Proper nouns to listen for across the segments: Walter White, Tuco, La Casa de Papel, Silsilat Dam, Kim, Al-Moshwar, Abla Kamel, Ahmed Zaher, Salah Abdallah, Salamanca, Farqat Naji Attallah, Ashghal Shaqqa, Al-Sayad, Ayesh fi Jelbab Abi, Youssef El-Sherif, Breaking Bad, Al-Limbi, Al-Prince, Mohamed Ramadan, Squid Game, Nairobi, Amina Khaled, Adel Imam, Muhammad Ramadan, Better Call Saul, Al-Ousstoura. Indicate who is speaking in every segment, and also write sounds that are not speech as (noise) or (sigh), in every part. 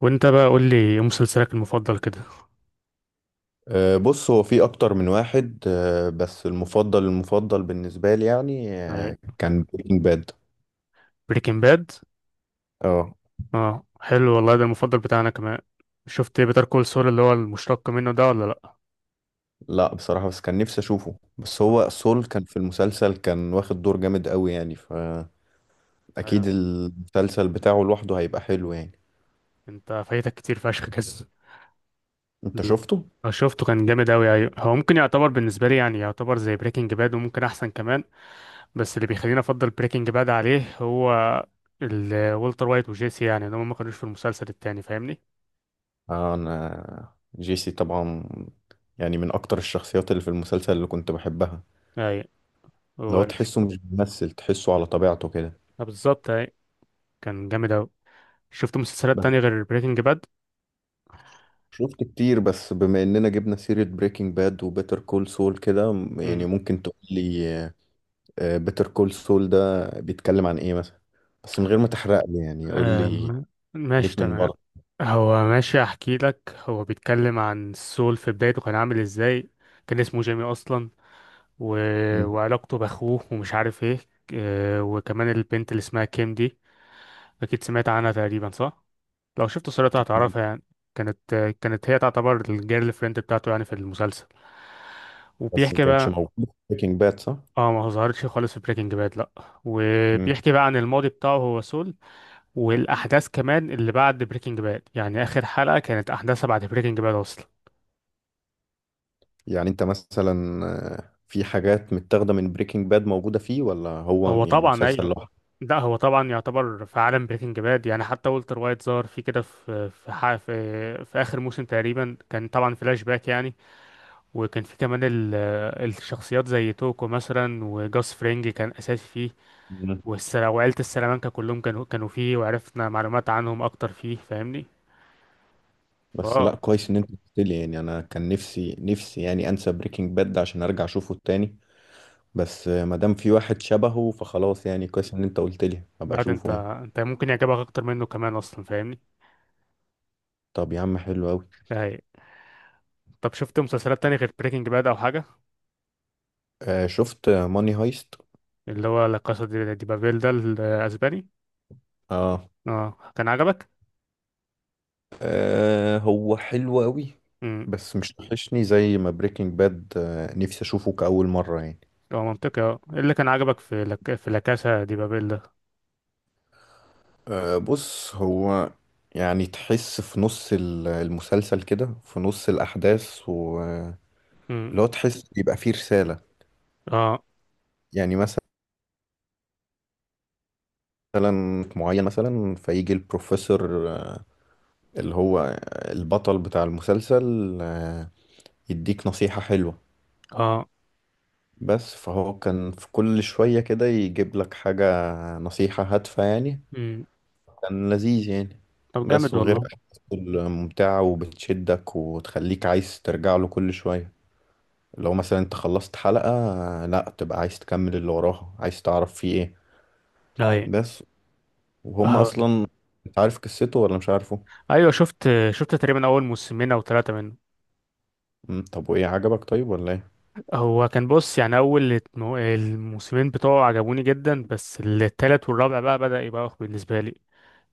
Speaker 1: وانت بقى قول لي ايه مسلسلك المفضل كده.
Speaker 2: بص، هو في اكتر من واحد، بس المفضل المفضل بالنسبه لي يعني، كان بريكنج باد.
Speaker 1: بريكنج باد.
Speaker 2: اه.
Speaker 1: اه حلو والله، ده المفضل بتاعنا كمان. شفت بيتر كول سول اللي هو المشتق منه ده ولا لا؟
Speaker 2: لا بصراحه، بس كان نفسي اشوفه، بس
Speaker 1: اه.
Speaker 2: هو سول كان في المسلسل، كان واخد دور جامد قوي يعني فاكيد
Speaker 1: ايوه.
Speaker 2: المسلسل بتاعه لوحده هيبقى حلو يعني.
Speaker 1: انت فايتك كتير فشخ كده.
Speaker 2: انت شفته؟
Speaker 1: اه، شفته كان جامد اوي. ايوه هو ممكن يعتبر بالنسبه لي، يعني يعتبر زي بريكنج باد وممكن احسن كمان. بس اللي بيخليني افضل بريكنج باد عليه هو والتر وايت وجيسي، يعني ان هم ما كانوش في المسلسل التاني، فاهمني.
Speaker 2: آه، انا جيسي طبعا، يعني من اكتر الشخصيات اللي في المسلسل اللي كنت بحبها.
Speaker 1: ايوه
Speaker 2: لو
Speaker 1: وش-
Speaker 2: تحسه مش بيمثل، تحسه على طبيعته كده.
Speaker 1: اه، بالظبط ايوه. كان جامد اوي. شفت مسلسلات
Speaker 2: بس
Speaker 1: تانية غير بريكنج باد؟
Speaker 2: شفت كتير، بس بما اننا جبنا سيرة بريكنج باد وبيتر كول سول كده يعني
Speaker 1: مم.
Speaker 2: ممكن تقول لي بيتر كول سول ده بيتكلم عن ايه مثلا، بس من غير ما تحرق لي، يعني قول لي
Speaker 1: آم، ماشي
Speaker 2: ليك من
Speaker 1: تمام.
Speaker 2: بره.
Speaker 1: هو ماشي احكي لك، هو بيتكلم عن السول في بدايته كان عامل ازاي. كان اسمه جيمي اصلا و...
Speaker 2: مم.
Speaker 1: وعلاقته باخوه ومش عارف ايه. وكمان البنت اللي اسمها كيم دي، اكيد سمعت عنها تقريبا صح. لو شفت صورتها هتعرفها يعني. كانت كانت هي تعتبر الجيرل فريند بتاعته يعني في المسلسل.
Speaker 2: بس ما
Speaker 1: وبيحكي
Speaker 2: كانتش
Speaker 1: بقى.
Speaker 2: موجودة في بريكنج باد صح؟
Speaker 1: اه ما ظهرتش خالص في بريكنج باد لا.
Speaker 2: مم.
Speaker 1: وبيحكي بقى عن الماضي بتاعه هو سول. والاحداث كمان اللي بعد بريكنج باد، يعني اخر حلقه كانت احداثها بعد بريكنج باد اصلا.
Speaker 2: يعني انت مثلا، آه، في حاجات متاخدة من بريكنج باد موجودة فيه، ولا هو
Speaker 1: هو
Speaker 2: يعني
Speaker 1: طبعا
Speaker 2: مسلسل
Speaker 1: ايوه.
Speaker 2: لوحده؟
Speaker 1: لا هو طبعا يعتبر في عالم بريكنج باد، يعني حتى والتر وايت ظهر في كده في في اخر موسم تقريبا، كان طبعا فلاش باك يعني. وكان في كمان الشخصيات زي توكو مثلا وجاس فرينج كان اساسي فيه.
Speaker 2: مم.
Speaker 1: وعيلة السلامانكا كلهم كانوا فيه، وعرفنا معلومات عنهم اكتر فيه، فاهمني.
Speaker 2: بس
Speaker 1: فاه.
Speaker 2: لا، كويس ان انت قلت لي، يعني انا كان نفسي نفسي يعني انسى بريكنج باد ده عشان ارجع اشوفه تاني. بس ما دام في واحد شبهه فخلاص، يعني كويس ان انت قلت لي، ابقى
Speaker 1: لا ده انت،
Speaker 2: اشوفه يعني.
Speaker 1: انت ممكن يعجبك اكتر منه كمان اصلا، فاهمني.
Speaker 2: طب يا عم حلو قوي.
Speaker 1: طب شفت مسلسلات تانية غير بريكنج باد او حاجة؟
Speaker 2: آه، شفت ماني هايست.
Speaker 1: اللي هو لا كاسا دي بابيل ده الاسباني.
Speaker 2: اه،
Speaker 1: اه كان عجبك؟
Speaker 2: آه، هو حلو قوي،
Speaker 1: امم.
Speaker 2: بس مش وحشني زي ما بريكنج باد، نفسي اشوفه كأول مرة يعني.
Speaker 1: هو منطقي. اه إيه اللي كان عجبك في في لا كاسا دي بابيل ده؟
Speaker 2: آه، بص هو، يعني تحس في نص المسلسل كده، في نص الأحداث ولو
Speaker 1: امم.
Speaker 2: تحس يبقى فيه رسالة.
Speaker 1: اه.
Speaker 2: يعني مثلا معين، مثلا فيجي البروفيسور اللي هو البطل بتاع المسلسل، يديك نصيحة حلوة.
Speaker 1: اه.
Speaker 2: بس فهو كان في كل شوية كده يجيب لك حاجة، نصيحة هادفة يعني.
Speaker 1: امم.
Speaker 2: كان لذيذ يعني.
Speaker 1: طب جامد
Speaker 2: بس وغير
Speaker 1: والله.
Speaker 2: أحداثه ممتعة، وبتشدك وتخليك عايز ترجع له كل شوية. لو مثلا انت خلصت حلقة، لا تبقى عايز تكمل اللي وراها، عايز تعرف فيه ايه.
Speaker 1: اي.
Speaker 2: بس وهم
Speaker 1: اه.
Speaker 2: اصلا، انت عارف قصته ولا مش عارفه؟
Speaker 1: ايوه شفت، تقريبا اول موسمين او ثلاثة منه.
Speaker 2: طب وايه عجبك طيب، ولا ايه؟
Speaker 1: هو كان بص يعني، اول الموسمين بتوعه عجبوني جدا، بس التالت والرابع بقى بدأ يبقى أخ بالنسبة لي.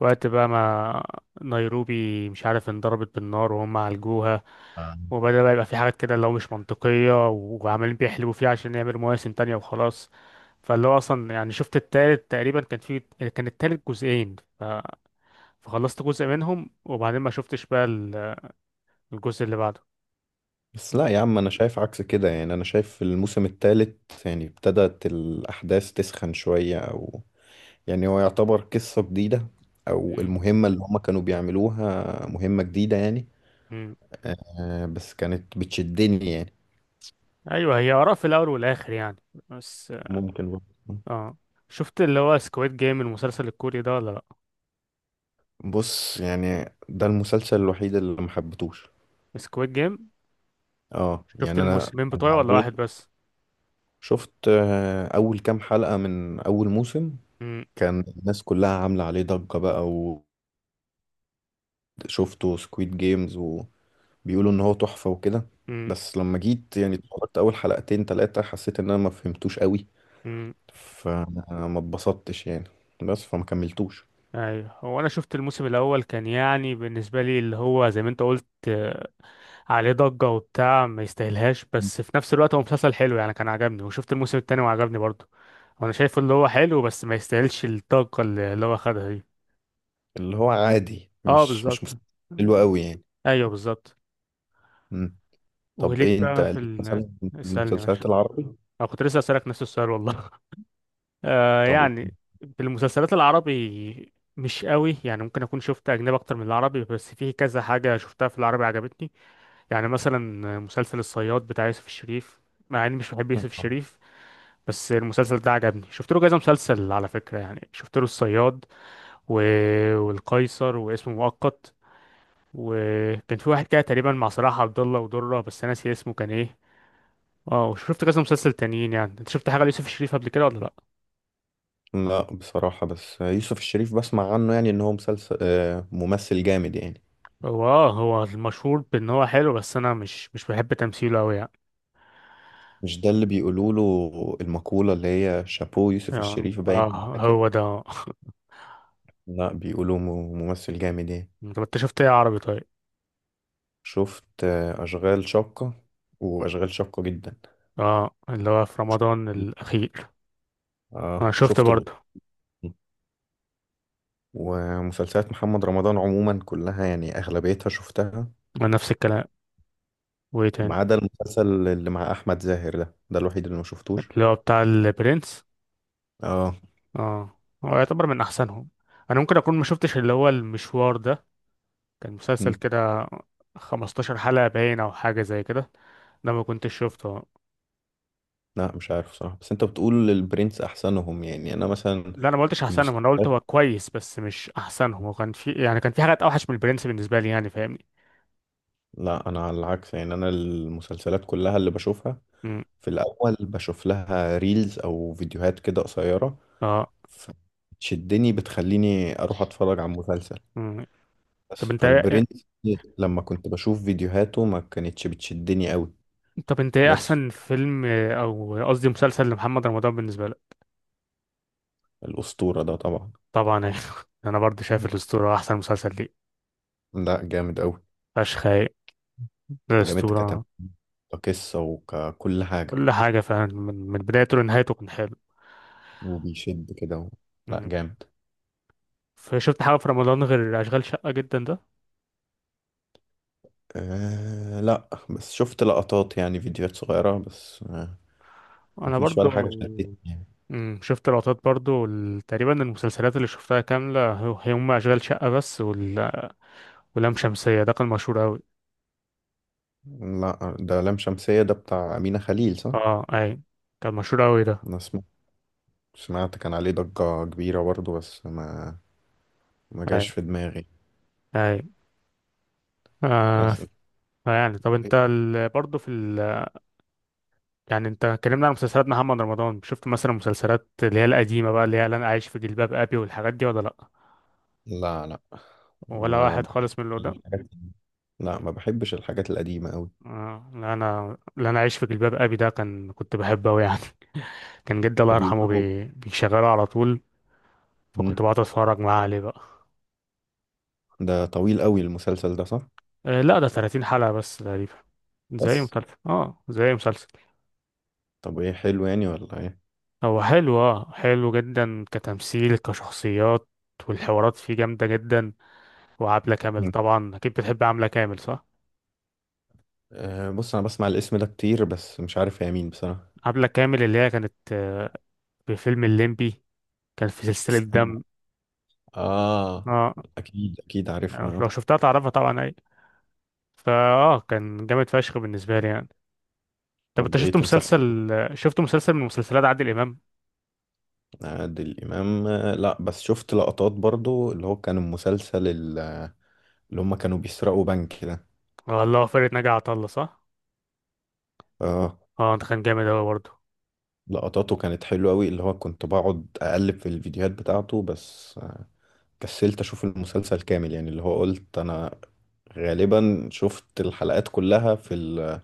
Speaker 1: وقت بقى ما نيروبي مش عارف انضربت بالنار وهم عالجوها، وبدأ بقى يبقى في حاجات كده اللي هو مش منطقية وعمالين بيحلبوا فيها عشان يعملوا مواسم تانية وخلاص. فاللي هو أصلا يعني شفت التالت تقريبا كان في، كان التالت جزئين. فخلصت جزء منهم وبعدين ما شفتش بقى الجزء اللي بعده.
Speaker 2: بس لا يا عم، انا شايف عكس كده، يعني انا شايف في الموسم الثالث يعني ابتدت الاحداث تسخن شوية، او يعني هو يعتبر قصة جديدة، او
Speaker 1: مم.
Speaker 2: المهمة اللي هما كانوا بيعملوها مهمة جديدة يعني.
Speaker 1: مم.
Speaker 2: آه، بس كانت بتشدني يعني.
Speaker 1: أيوه هي آراء في الأول والآخر يعني. بس
Speaker 2: ممكن برضه.
Speaker 1: اه. شفت اللي هو سكويد جيم المسلسل الكوري ده ولا لأ؟
Speaker 2: بص، يعني ده المسلسل الوحيد اللي محبتوش.
Speaker 1: سكويد جيم.
Speaker 2: اه
Speaker 1: شفت
Speaker 2: يعني، انا
Speaker 1: الموسمين
Speaker 2: كان
Speaker 1: بتوعه ولا
Speaker 2: عليه،
Speaker 1: واحد بس؟
Speaker 2: شفت، اول كام حلقة من اول موسم،
Speaker 1: مم.
Speaker 2: كان الناس كلها عاملة عليه ضجة بقى، وشفته سكويد جيمز بيقولوا ان هو تحفة وكده.
Speaker 1: مم.
Speaker 2: بس لما جيت يعني اتفرجت اول حلقتين تلاتة، حسيت ان انا ما فهمتوش قوي،
Speaker 1: مم.
Speaker 2: فما اتبسطتش يعني، بس فما كملتوش.
Speaker 1: ايوه هو انا شفت الموسم الاول كان يعني بالنسبه لي اللي هو زي ما انت قلت، عليه ضجه وبتاع ما يستاهلهاش،
Speaker 2: مم.
Speaker 1: بس في نفس الوقت هو مسلسل حلو يعني، كان عجبني وشفت الموسم التاني وعجبني برضه. وانا شايف اللي هو حلو بس ما يستاهلش الضجه اللي هو خدها دي.
Speaker 2: اللي هو عادي،
Speaker 1: اه
Speaker 2: مش
Speaker 1: بالظبط.
Speaker 2: مش مسلسل حلو قوي يعني.
Speaker 1: ايوه بالظبط.
Speaker 2: مم. طب
Speaker 1: وليك
Speaker 2: ايه انت،
Speaker 1: بقى في
Speaker 2: ليك مثلا في
Speaker 1: اسالني ماشي.
Speaker 2: المسلسلات العربي؟
Speaker 1: انا كنت لسه اسالك نفس السؤال والله. (laughs) آه
Speaker 2: طب قول.
Speaker 1: يعني في المسلسلات العربي مش قوي، يعني ممكن اكون شفت اجنبي اكتر من العربي، بس في كذا حاجه شفتها في العربي عجبتني. يعني مثلا مسلسل الصياد بتاع يوسف الشريف، مع اني مش بحب يوسف
Speaker 2: (laughs)
Speaker 1: الشريف، بس المسلسل ده عجبني. شفت له كذا مسلسل على فكرة يعني، شفت له الصياد و... والقيصر واسمه مؤقت، وكان في واحد كده تقريبا مع صلاح عبد الله ودرة بس انا ناسي اسمه كان ايه. اه وشفت كذا مسلسل تانيين يعني. انت شفت حاجة ليوسف الشريف قبل كده ولا لا؟
Speaker 2: لا بصراحة، بس يوسف الشريف بسمع عنه، يعني ان هو مسلسل، ممثل جامد يعني.
Speaker 1: هو اه، هو المشهور بان هو حلو، بس انا مش بحب تمثيله قوي يعني.
Speaker 2: مش ده اللي بيقولوا له المقولة اللي هي شابو يوسف
Speaker 1: اه
Speaker 2: الشريف باين ولا
Speaker 1: آه،
Speaker 2: كده؟
Speaker 1: هو ده.
Speaker 2: لا، بيقولوا ممثل جامد يعني.
Speaker 1: (laughs) طب انت شفت ايه عربي طيب؟
Speaker 2: شفت، أشغال شاقة، وأشغال شاقة جدا.
Speaker 1: اه اللي هو في رمضان الاخير.
Speaker 2: اه،
Speaker 1: اه شفت
Speaker 2: وشفت الأسطول،
Speaker 1: برضه.
Speaker 2: ومسلسلات محمد رمضان عموما كلها، يعني أغلبيتها شفتها،
Speaker 1: نفس الكلام. وايه
Speaker 2: ما
Speaker 1: تاني؟
Speaker 2: عدا المسلسل اللي مع أحمد زاهر، ده الوحيد اللي ما شفتوش.
Speaker 1: اللي هو بتاع البرنس.
Speaker 2: اه.
Speaker 1: اه. هو يعتبر من احسنهم. انا ممكن اكون ما شفتش اللي هو المشوار ده، كان مسلسل
Speaker 2: مم.
Speaker 1: كده 15 حلقة باين او حاجة زي كده، ده ما كنتش شفته.
Speaker 2: لا مش عارف صراحة، بس انت بتقول البرنس احسنهم، يعني انا مثلا
Speaker 1: لا انا ما قلتش احسنهم، انا قلت
Speaker 2: المسلسلات،
Speaker 1: هو كويس بس مش احسنهم، وكان في يعني كان في حاجات اوحش من البرنس بالنسبة لي يعني، فاهمني.
Speaker 2: لا انا على العكس، يعني انا المسلسلات كلها اللي بشوفها
Speaker 1: امم.
Speaker 2: في الاول بشوف لها ريلز او فيديوهات كده قصيرة،
Speaker 1: اه.
Speaker 2: فتشدني بتخليني اروح اتفرج على مسلسل.
Speaker 1: امم.
Speaker 2: بس
Speaker 1: طب انت إيه،
Speaker 2: فالبرنس لما كنت بشوف فيديوهاته ما كانتش بتشدني قوي.
Speaker 1: طب انت ايه
Speaker 2: بس
Speaker 1: احسن فيلم او قصدي مسلسل لمحمد رمضان بالنسبة لك؟
Speaker 2: الاسطورة ده طبعا،
Speaker 1: طبعا. (laughs) انا برضه شايف الاسطورة احسن مسلسل ليه.
Speaker 2: لا جامد قوي،
Speaker 1: فشخ هايل.
Speaker 2: جامد كتم،
Speaker 1: أسطورة.
Speaker 2: كقصة وككل حاجة،
Speaker 1: كل حاجة فعلا من بدايته لنهايته كان حلو.
Speaker 2: وبيشد كده لا
Speaker 1: مم.
Speaker 2: جامد.
Speaker 1: فشفت حاجة في رمضان غير أشغال شقة جدا ده؟
Speaker 2: أه، لا بس شفت لقطات، يعني فيديوهات صغيرة بس، أه
Speaker 1: أنا
Speaker 2: مفيش
Speaker 1: برضو.
Speaker 2: ولا حاجة شدتني يعني.
Speaker 1: مم. شفت لقطات برضو، تقريبا المسلسلات اللي شفتها كاملة هو- هي هم أشغال شقة بس ولام شمسية ده كان مشهور أوي.
Speaker 2: لا، ده لام شمسية، ده بتاع أمينة خليل صح؟
Speaker 1: اه أي. كان مشهور أوي ده.
Speaker 2: أنا سمعت كان عليه ضجة كبيرة برضه، بس ما جاش
Speaker 1: أي.
Speaker 2: في دماغي.
Speaker 1: أي. آه
Speaker 2: بس.
Speaker 1: يعني. طب أنت برضو في يعني أنت اتكلمنا عن مسلسلات محمد رمضان، شفت مثلا مسلسلات اللي هي القديمة بقى، اللي هي اللي أنا عايش في جلباب أبي والحاجات دي ولا لأ؟
Speaker 2: لا لا،
Speaker 1: ولا
Speaker 2: ما
Speaker 1: واحد خالص من اللي
Speaker 2: بحبش
Speaker 1: ده.
Speaker 2: الحاجات، لا ما بحبش الحاجات القديمة قوي.
Speaker 1: لا انا عايش في جلباب ابي ده كان كنت بحبه قوي يعني. (laughs) كان جدي الله يرحمه
Speaker 2: بيقولوا.
Speaker 1: بيشغله على طول، فكنت
Speaker 2: مم،
Speaker 1: بقعد اتفرج معاه عليه بقى.
Speaker 2: ده طويل قوي المسلسل ده صح؟
Speaker 1: لا ده 30 حلقة بس تقريبا. زي
Speaker 2: بس،
Speaker 1: مسلسل اه زي مسلسل.
Speaker 2: طب ايه، حلو يعني ولا ايه؟
Speaker 1: هو حلو، اه حلو جدا كتمثيل كشخصيات، والحوارات فيه جامدة جدا، وعبلة كامل
Speaker 2: مم.
Speaker 1: طبعا. اكيد بتحب عبلة كامل صح؟
Speaker 2: أه، بص انا بسمع الاسم ده كتير، بس مش عارف هي مين بصراحة.
Speaker 1: عبلة كامل اللي هي كانت في فيلم الليمبي، كان في سلسلة
Speaker 2: استنى.
Speaker 1: دم.
Speaker 2: اه،
Speaker 1: اه.
Speaker 2: اكيد اكيد عارفها، آه.
Speaker 1: لو شفتها تعرفها طبعا. فاه كان جامد فشخ بالنسبه لي يعني. طب انت
Speaker 2: طب ايه
Speaker 1: شفت
Speaker 2: تنصحني؟
Speaker 1: مسلسل، شفت مسلسل من مسلسلات عادل امام؟
Speaker 2: عادل امام، لا بس شفت لقطات برضو، اللي هو كان المسلسل اللي هم كانوا بيسرقوا بنك كده.
Speaker 1: والله فرقة ناجي عطا الله صح.
Speaker 2: اه،
Speaker 1: اه ده كان جامد اوي برضه.
Speaker 2: لقطاته كانت حلوة قوي، اللي هو كنت بقعد اقلب في الفيديوهات بتاعته، بس، كسلت اشوف المسلسل كامل يعني، اللي هو قلت انا غالبا شفت الحلقات كلها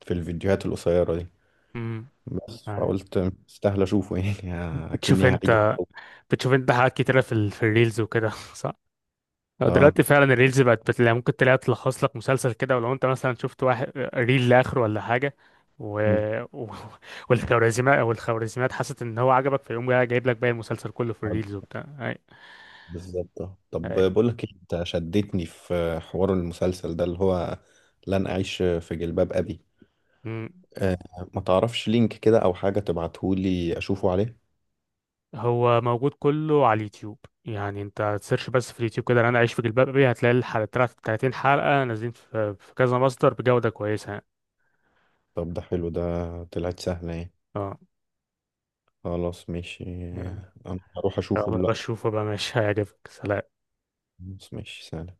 Speaker 2: في الفيديوهات القصيرة دي.
Speaker 1: امم.
Speaker 2: بس
Speaker 1: آه.
Speaker 2: فقلت استاهل اشوفه يعني،
Speaker 1: بتشوف
Speaker 2: اكني هعيد.
Speaker 1: انت، بتشوف انت حاجات كتيره في في الريلز وكده (laughs) صح؟ آه،
Speaker 2: اه.
Speaker 1: دلوقتي فعلا الريلز بقت بتلاقي، ممكن تلاقي تلخص لك مسلسل كده ولو انت مثلا شفت واحد ريل لاخره ولا حاجه و...
Speaker 2: مم.
Speaker 1: و... والخوارزميات، حست ان هو عجبك فيقوم جاي جايب لك باقي المسلسل كله في
Speaker 2: آه،
Speaker 1: الريلز وبتاع اي.
Speaker 2: بالظبط، آه. طب بقول لك إيه، انت شدتني في حوار المسلسل ده اللي هو لن اعيش في جلباب ابي.
Speaker 1: اي.
Speaker 2: آه، ما تعرفش لينك كده او حاجة تبعتهولي اشوفه عليه؟
Speaker 1: هو موجود كله على اليوتيوب يعني. انت تسيرش بس في اليوتيوب كده انا عايش في جلباب ابي هتلاقي الحلقة، 30 حلقة نازلين في كذا مصدر بجودة كويسة يعني.
Speaker 2: طب ده حلو ده، طلعت سهلة. ايه،
Speaker 1: اه
Speaker 2: خلاص ماشي.
Speaker 1: يعني.
Speaker 2: انا هروح اشوفه
Speaker 1: يلا
Speaker 2: دلوقتي.
Speaker 1: بشوفه بقى ماشي، هيعجبك. سلام.
Speaker 2: خلاص، ماشي، سلام.